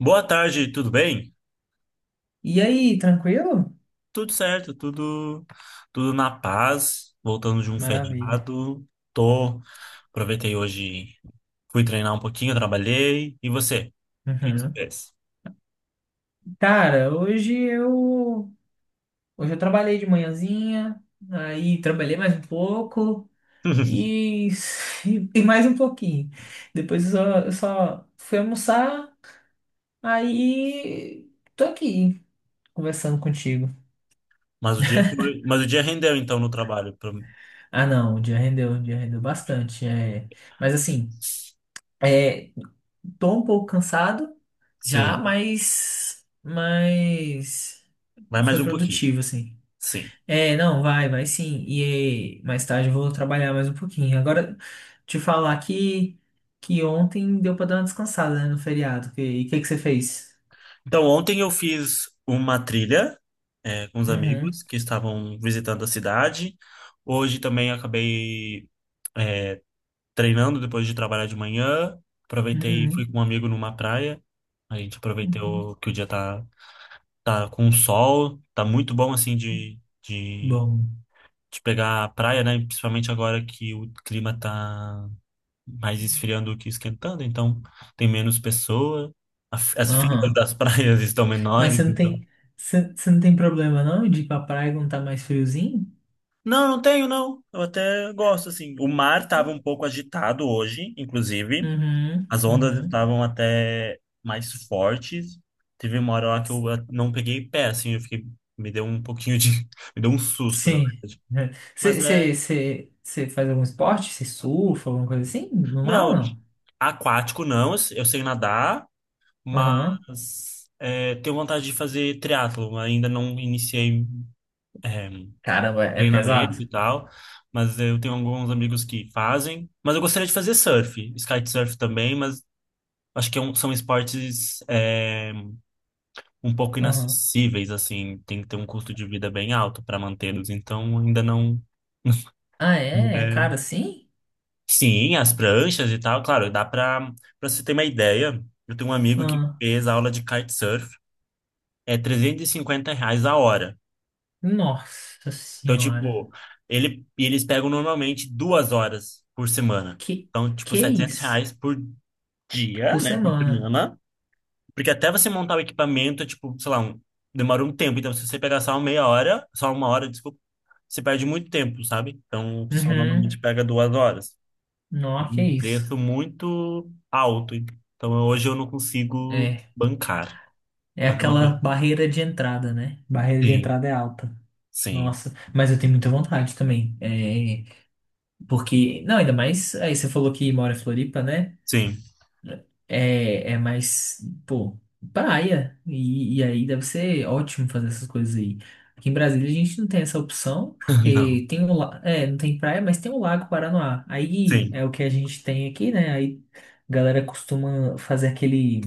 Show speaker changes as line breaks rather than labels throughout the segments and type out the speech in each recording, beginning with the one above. Boa tarde, tudo bem?
E aí, tranquilo?
Tudo certo, tudo na paz. Voltando de um
Maravilha.
feriado, tô aproveitei hoje, fui treinar um pouquinho, trabalhei. E você? O que que você
Uhum.
fez?
Cara, hoje eu trabalhei de manhãzinha, aí trabalhei mais um pouco e, e mais um pouquinho. Depois eu só fui almoçar, aí tô aqui conversando contigo.
Mas o dia rendeu então no trabalho.
Ah, não, o dia rendeu bastante. É. Mas assim, é, tô um pouco cansado já,
Sim,
mas
vai mais
foi
um pouquinho.
produtivo, assim.
Sim.
É, não, vai, vai sim. E mais tarde eu vou trabalhar mais um pouquinho. Agora, te falar que ontem deu pra dar uma descansada, né, no feriado. E o que que você fez?
Então ontem eu fiz uma trilha com os amigos
Uhum,
que estavam visitando a cidade. Hoje também acabei treinando depois de trabalhar de manhã. Aproveitei e fui
uhum,
com um amigo numa praia. A gente
uhum.
aproveitou que o dia tá, tá com sol. Tá muito bom, assim, de, de,
Bom.
de pegar a praia, né? Principalmente agora que o clima tá mais esfriando do que esquentando. Então, tem menos pessoa. As filas
Aham.
das praias estão
Mas
menores,
você não
então...
tem, você, você não tem problema não de ir pra praia quando tá mais friozinho?
Não, não tenho, não. Eu até gosto, assim. O mar tava um pouco agitado hoje, inclusive.
Uhum,
As ondas
uhum.
estavam até mais fortes. Teve uma hora lá que eu não peguei pé, assim, eu fiquei, me deu um pouquinho de, me deu um susto, na
Sim.
verdade.
Você,
Mas é,
você, você, você faz algum esporte? Você surfa, alguma coisa assim? No mar ou
não,
não?
aquático não, eu sei nadar,
Aham.
mas é, tenho vontade de fazer triatlo. Ainda não iniciei
Caramba, é
treinamento
pesado?
e tal, mas eu tenho alguns amigos que fazem. Mas eu gostaria de fazer surf, kitesurf também, mas acho que são esportes um pouco inacessíveis, assim, tem que ter um custo de vida bem alto para mantê-los. Então, ainda não.
Ah, é? É
é,
caro assim?
Sim, as pranchas e tal, claro, dá para você ter uma ideia. Eu tenho um amigo que
Ah,
fez aula de kitesurf, é R$ 350 a hora.
nossa
Então,
senhora.
tipo, ele, e eles pegam normalmente 2 horas por semana.
Que
Então, tipo,
que é
700
isso?
reais por dia,
Por
né, por
semana.
semana. Porque até você montar o equipamento, é tipo, sei lá, um, demora um tempo. Então, se você pegar só uma meia hora, só 1 hora, desculpa, você perde muito tempo, sabe? Então, o pessoal normalmente
Uhum.
pega 2 horas.
Nossa, que é
Um
isso?
preço muito alto. Então, hoje eu não consigo
É.
bancar.
É
Mas é uma
aquela
coisa.
barreira de entrada, né? Barreira de
Sim,
entrada é alta.
sim,
Nossa, mas eu tenho muita vontade também. É, porque, não, ainda mais, aí você falou que mora em Floripa, né?
sim.
É, é mais, pô, praia. E aí deve ser ótimo fazer essas coisas aí. Aqui em Brasília a gente não tem essa opção,
Não,
porque tem não tem praia, mas tem o Lago Paranoá. Aí
sim.
é o que a gente tem aqui, né? Aí a galera costuma fazer aquele,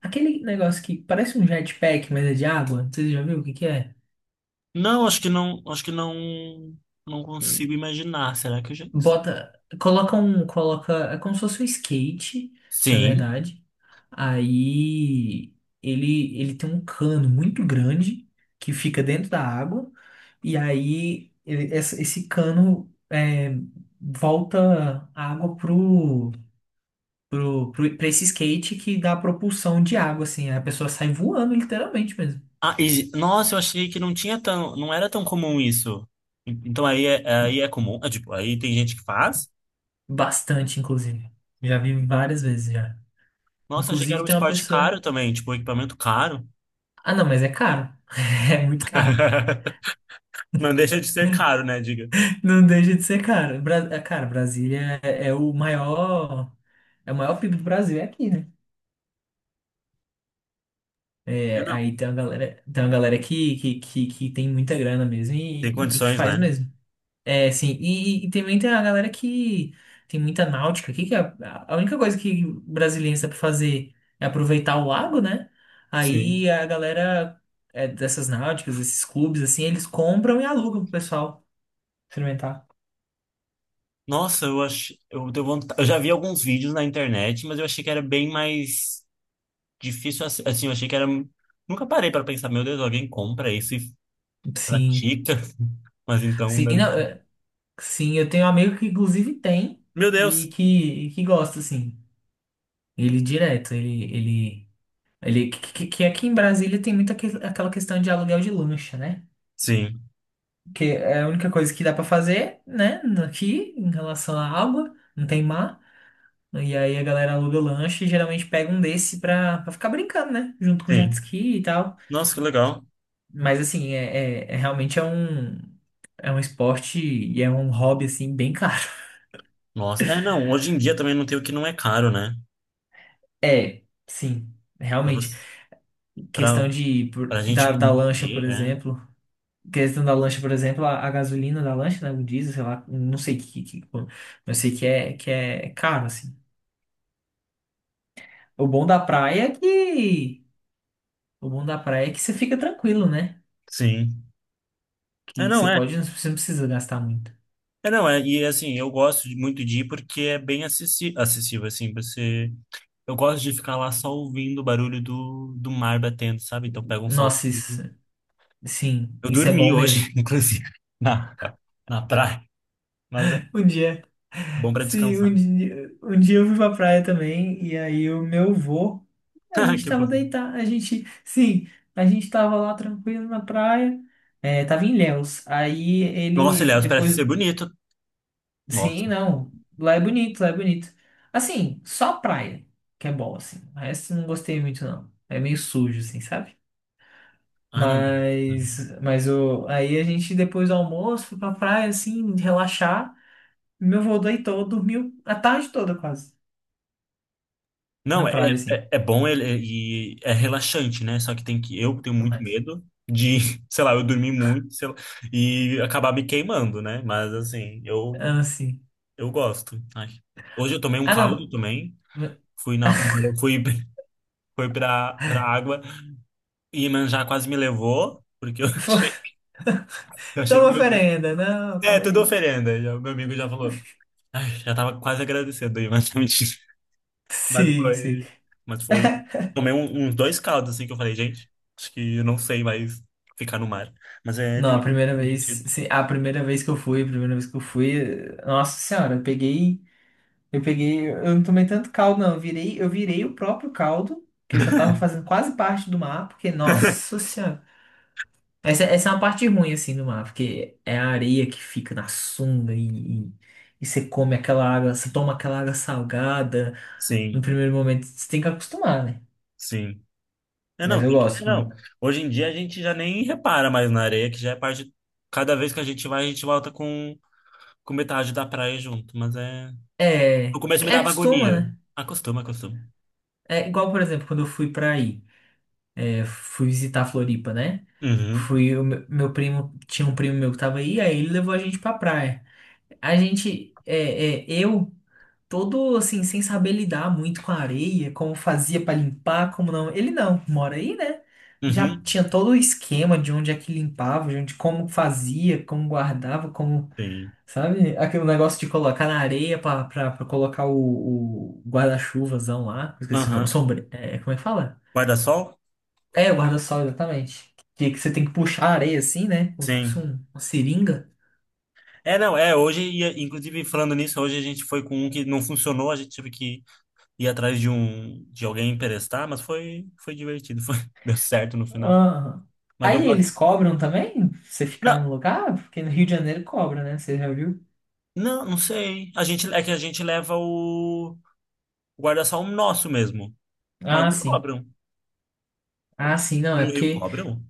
aquele negócio que parece um jetpack, mas é de água. Não, você já viu o que que é?
Não, acho que não, acho que não, não consigo imaginar. Será que eu já.
Bota, coloca um, coloca, é como se fosse um skate, na
Sim.
verdade. Aí ele tem um cano muito grande que fica dentro da água, e aí ele- essa- esse cano é, volta a água pro, pra esse skate que dá propulsão de água, assim, a pessoa sai voando literalmente mesmo.
Ah, e- nossa, eu achei que não tinha tão, não era tão comum isso. Então aí é comum, é, tipo, aí tem gente que faz.
Bastante, inclusive. Já vi várias vezes já.
Nossa, eu achei que era
Inclusive
um
tem uma
esporte
pessoa.
caro também, tipo, um equipamento caro.
Ah, não, mas é caro. É muito caro.
Não deixa de ser caro, né, diga?
Não deixa de ser cara. Cara, Brasília é o maior, é o maior PIB do Brasil é aqui, né?
É,
É,
não,
aí tem uma galera que tem muita grana mesmo e,
tem
e que
condições,
faz
né?
mesmo. É, sim. E também tem a galera que tem muita náutica aqui, que é a única coisa que brasileiro sabe fazer é aproveitar o lago, né?
Sim.
Aí a galera dessas náuticas, esses clubes, assim, eles compram e alugam pro pessoal experimentar.
Nossa, eu acho, eu deu vontade, eu já vi alguns vídeos na internet, mas eu achei que era bem mais difícil assim, assim, eu achei que era Nunca parei para pensar, meu Deus, alguém compra isso e
Sim.
pratica, mas então,
Sim,
né?
não, é, sim, eu tenho um amigo que inclusive tem
Meu Deus.
e que gosta, assim. Ele direto, ele que, que aqui em Brasília tem muito aquela questão de aluguel de lancha, né?
Sim,
Que é a única coisa que dá pra fazer, né? Aqui, em relação à água, não tem mar. E aí a galera aluga lancha e geralmente pega um desse pra, ficar brincando, né? Junto com jet
sim.
ski e tal.
Nossa, que legal.
Mas assim, é realmente é um esporte e é um hobby, assim, bem caro.
Nossa, é, não, hoje em dia também não tem o que não é caro, né?
É, sim,
Pra
realmente.
você, pra,
Questão de, por-
pra gente
da, da lancha, por
manter, é.
exemplo. Questão da lancha, por exemplo, a gasolina da lancha, né? O diesel, sei lá, não sei mas sei que é caro, assim. O bom da praia é que, o bom da praia é que você fica tranquilo, né?
Sim. É,
Que
não,
você
é.
pode, você não precisa gastar muito.
É, não, é. E assim, eu gosto de- muito de ir porque é bem acessi- acessível, assim, você... Eu gosto de ficar lá só ouvindo o barulho do, do mar batendo, sabe? Então pega um sol.
Nossa, isso, sim,
Eu
isso é
dormi
bom
hoje,
mesmo.
inclusive, na, na praia, mas é
Um dia
bom pra
Sim,
descansar.
um dia eu fui pra praia também, e aí o meu avô, a gente
Que
tava
fofo.
deitado, a gente, sim, a gente tava lá tranquilo na praia, é, tava em Ilhéus, aí
Nossa,
ele,
aliás, parece
depois,
ser bonito.
sim,
Nossa.
não, lá é bonito, lá é bonito. Assim, só praia, que é bom, assim, o resto não gostei muito, não, é meio sujo, assim, sabe?
Ah, não. é. Uhum.
Mas o, aí a gente, depois do almoço, foi pra praia, assim, relaxar, meu avô deitou, dormiu a tarde toda quase.
Não,
Na
é,
praia, sim.
é bom e é relaxante, né? Só que tem que eu tenho
O que
muito
mais?
medo de, sei lá, eu dormir muito, sei lá, e acabar me queimando, né? Mas assim,
Ah, sim.
eu gosto. Ai. Hoje eu tomei um
Ah,
caldo
não.
também, fui na eu fui fui para água e Iemanjá quase me levou, porque eu achei eu achei
Toma
que meu Deus.
oferenda. Não,
É,
calma
tudo
aí.
oferenda. Já, meu amigo já falou. Ai, já tava quase agradecendo, aí, Iemanjá. Mas
Sim, sim.
foi. Mas foi. Tomei uns dois caldos, assim, que eu falei, gente, acho que eu não sei mais ficar no mar. Mas é
Não, a
divertido.
primeira vez,
Divertido.
sim, a primeira vez que eu fui, a primeira vez que eu fui, nossa senhora, eu peguei, eu não tomei tanto caldo, não, eu virei o próprio caldo, que eu já tava fazendo quase parte do mar, porque, nossa senhora, essa é uma parte ruim, assim, do mar, porque é a areia que fica na sunga e você come aquela água, você toma aquela água salgada, no
Sim,
primeiro momento. Você tem que acostumar, né?
sim. É,
Mas
não,
eu
tem que.
gosto
Não.
mesmo.
Hoje em dia a gente já nem repara mais na areia, que já é parte. Cada vez que a gente vai, a gente volta com metade da praia junto. Mas é. No
É,
começo me
é
dava
acostuma,
agonia.
né?
Acostuma, acostuma.
É igual, por exemplo, quando eu fui pra aí, é, fui visitar a Floripa, né?
Uhum,
Fui, o meu, meu primo, tinha um primo meu que tava aí, aí ele levou a gente pra praia. A gente, todo assim, sem saber lidar muito com a areia, como fazia pra limpar, como não. Ele não, mora aí, né? Já
uhum.
tinha todo o esquema de onde é que limpava, de onde, como fazia, como guardava, como.
Sim.
Sabe? Aquele negócio de colocar na areia pra, pra colocar o guarda-chuvazão lá. Esqueci o nome.
Aham.
Como é que fala?
Guarda-sol?
É, o guarda-sol, exatamente. Que você tem que puxar a areia assim, né? Como se fosse
Sim.
um, uma seringa.
É, não, é, hoje, inclusive falando nisso, hoje a gente foi com um que não funcionou, a gente teve que ir atrás de um, de alguém emprestar, mas foi, foi divertido, foi, deu certo no final,
Aham.
mas eu
Aí eles
gosto.
cobram também? Você ficar
Não,
no lugar? Porque no Rio de Janeiro cobra, né? Você já viu?
não, não sei, a gente, é que a gente leva o guarda-sol nosso mesmo, mas
Ah,
não
sim.
cobram,
Ah, sim, não, é
no Rio
porque
cobram?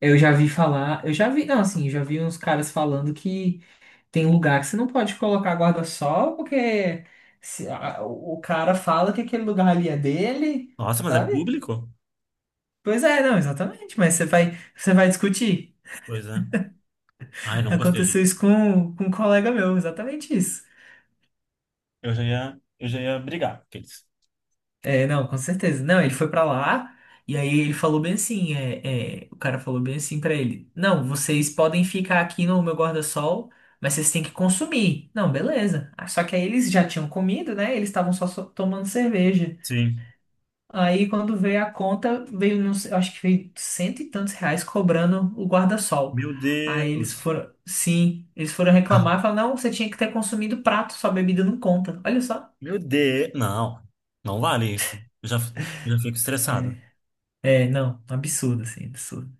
eu já vi falar. Eu já vi, não, assim, eu já vi uns caras falando que. Tem lugar que você não pode colocar guarda-sol, porque se, o cara fala que aquele lugar ali é dele,
Nossa, mas é
sabe?
público?
Pois é, não, exatamente, mas você vai discutir.
Pois é, ai, não gostei já,
Aconteceu isso com um colega meu, exatamente isso.
eu já ia brigar com eles.
É, não, com certeza. Não, ele foi pra lá e aí ele falou bem assim, o cara falou bem assim pra ele, não, vocês podem ficar aqui no meu guarda-sol, mas vocês têm que consumir. Não, beleza. Ah, só que aí eles já tinham comido, né? Eles estavam só tomando cerveja.
Sim,
Aí quando veio a conta, veio, não sei, eu acho que veio cento e tantos reais cobrando o guarda-sol.
meu
Aí eles
Deus.
foram, sim, eles foram reclamar e falaram, não, você tinha que ter consumido prato, sua bebida não conta. Olha só.
Meu Deus. Não, não vale isso. Eu já, eu já fico estressado.
É, não, absurdo, assim, absurdo.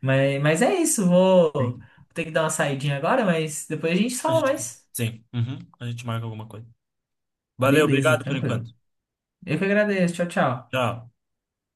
Mas é isso, vou
Sim.
ter que dar uma saidinha agora, mas depois a gente
A
fala
gente,
mais.
sim, uhum, a gente marca alguma coisa. Valeu,
Beleza,
obrigado por
tranquilo.
enquanto.
Eu que agradeço, tchau, tchau.
Tchau.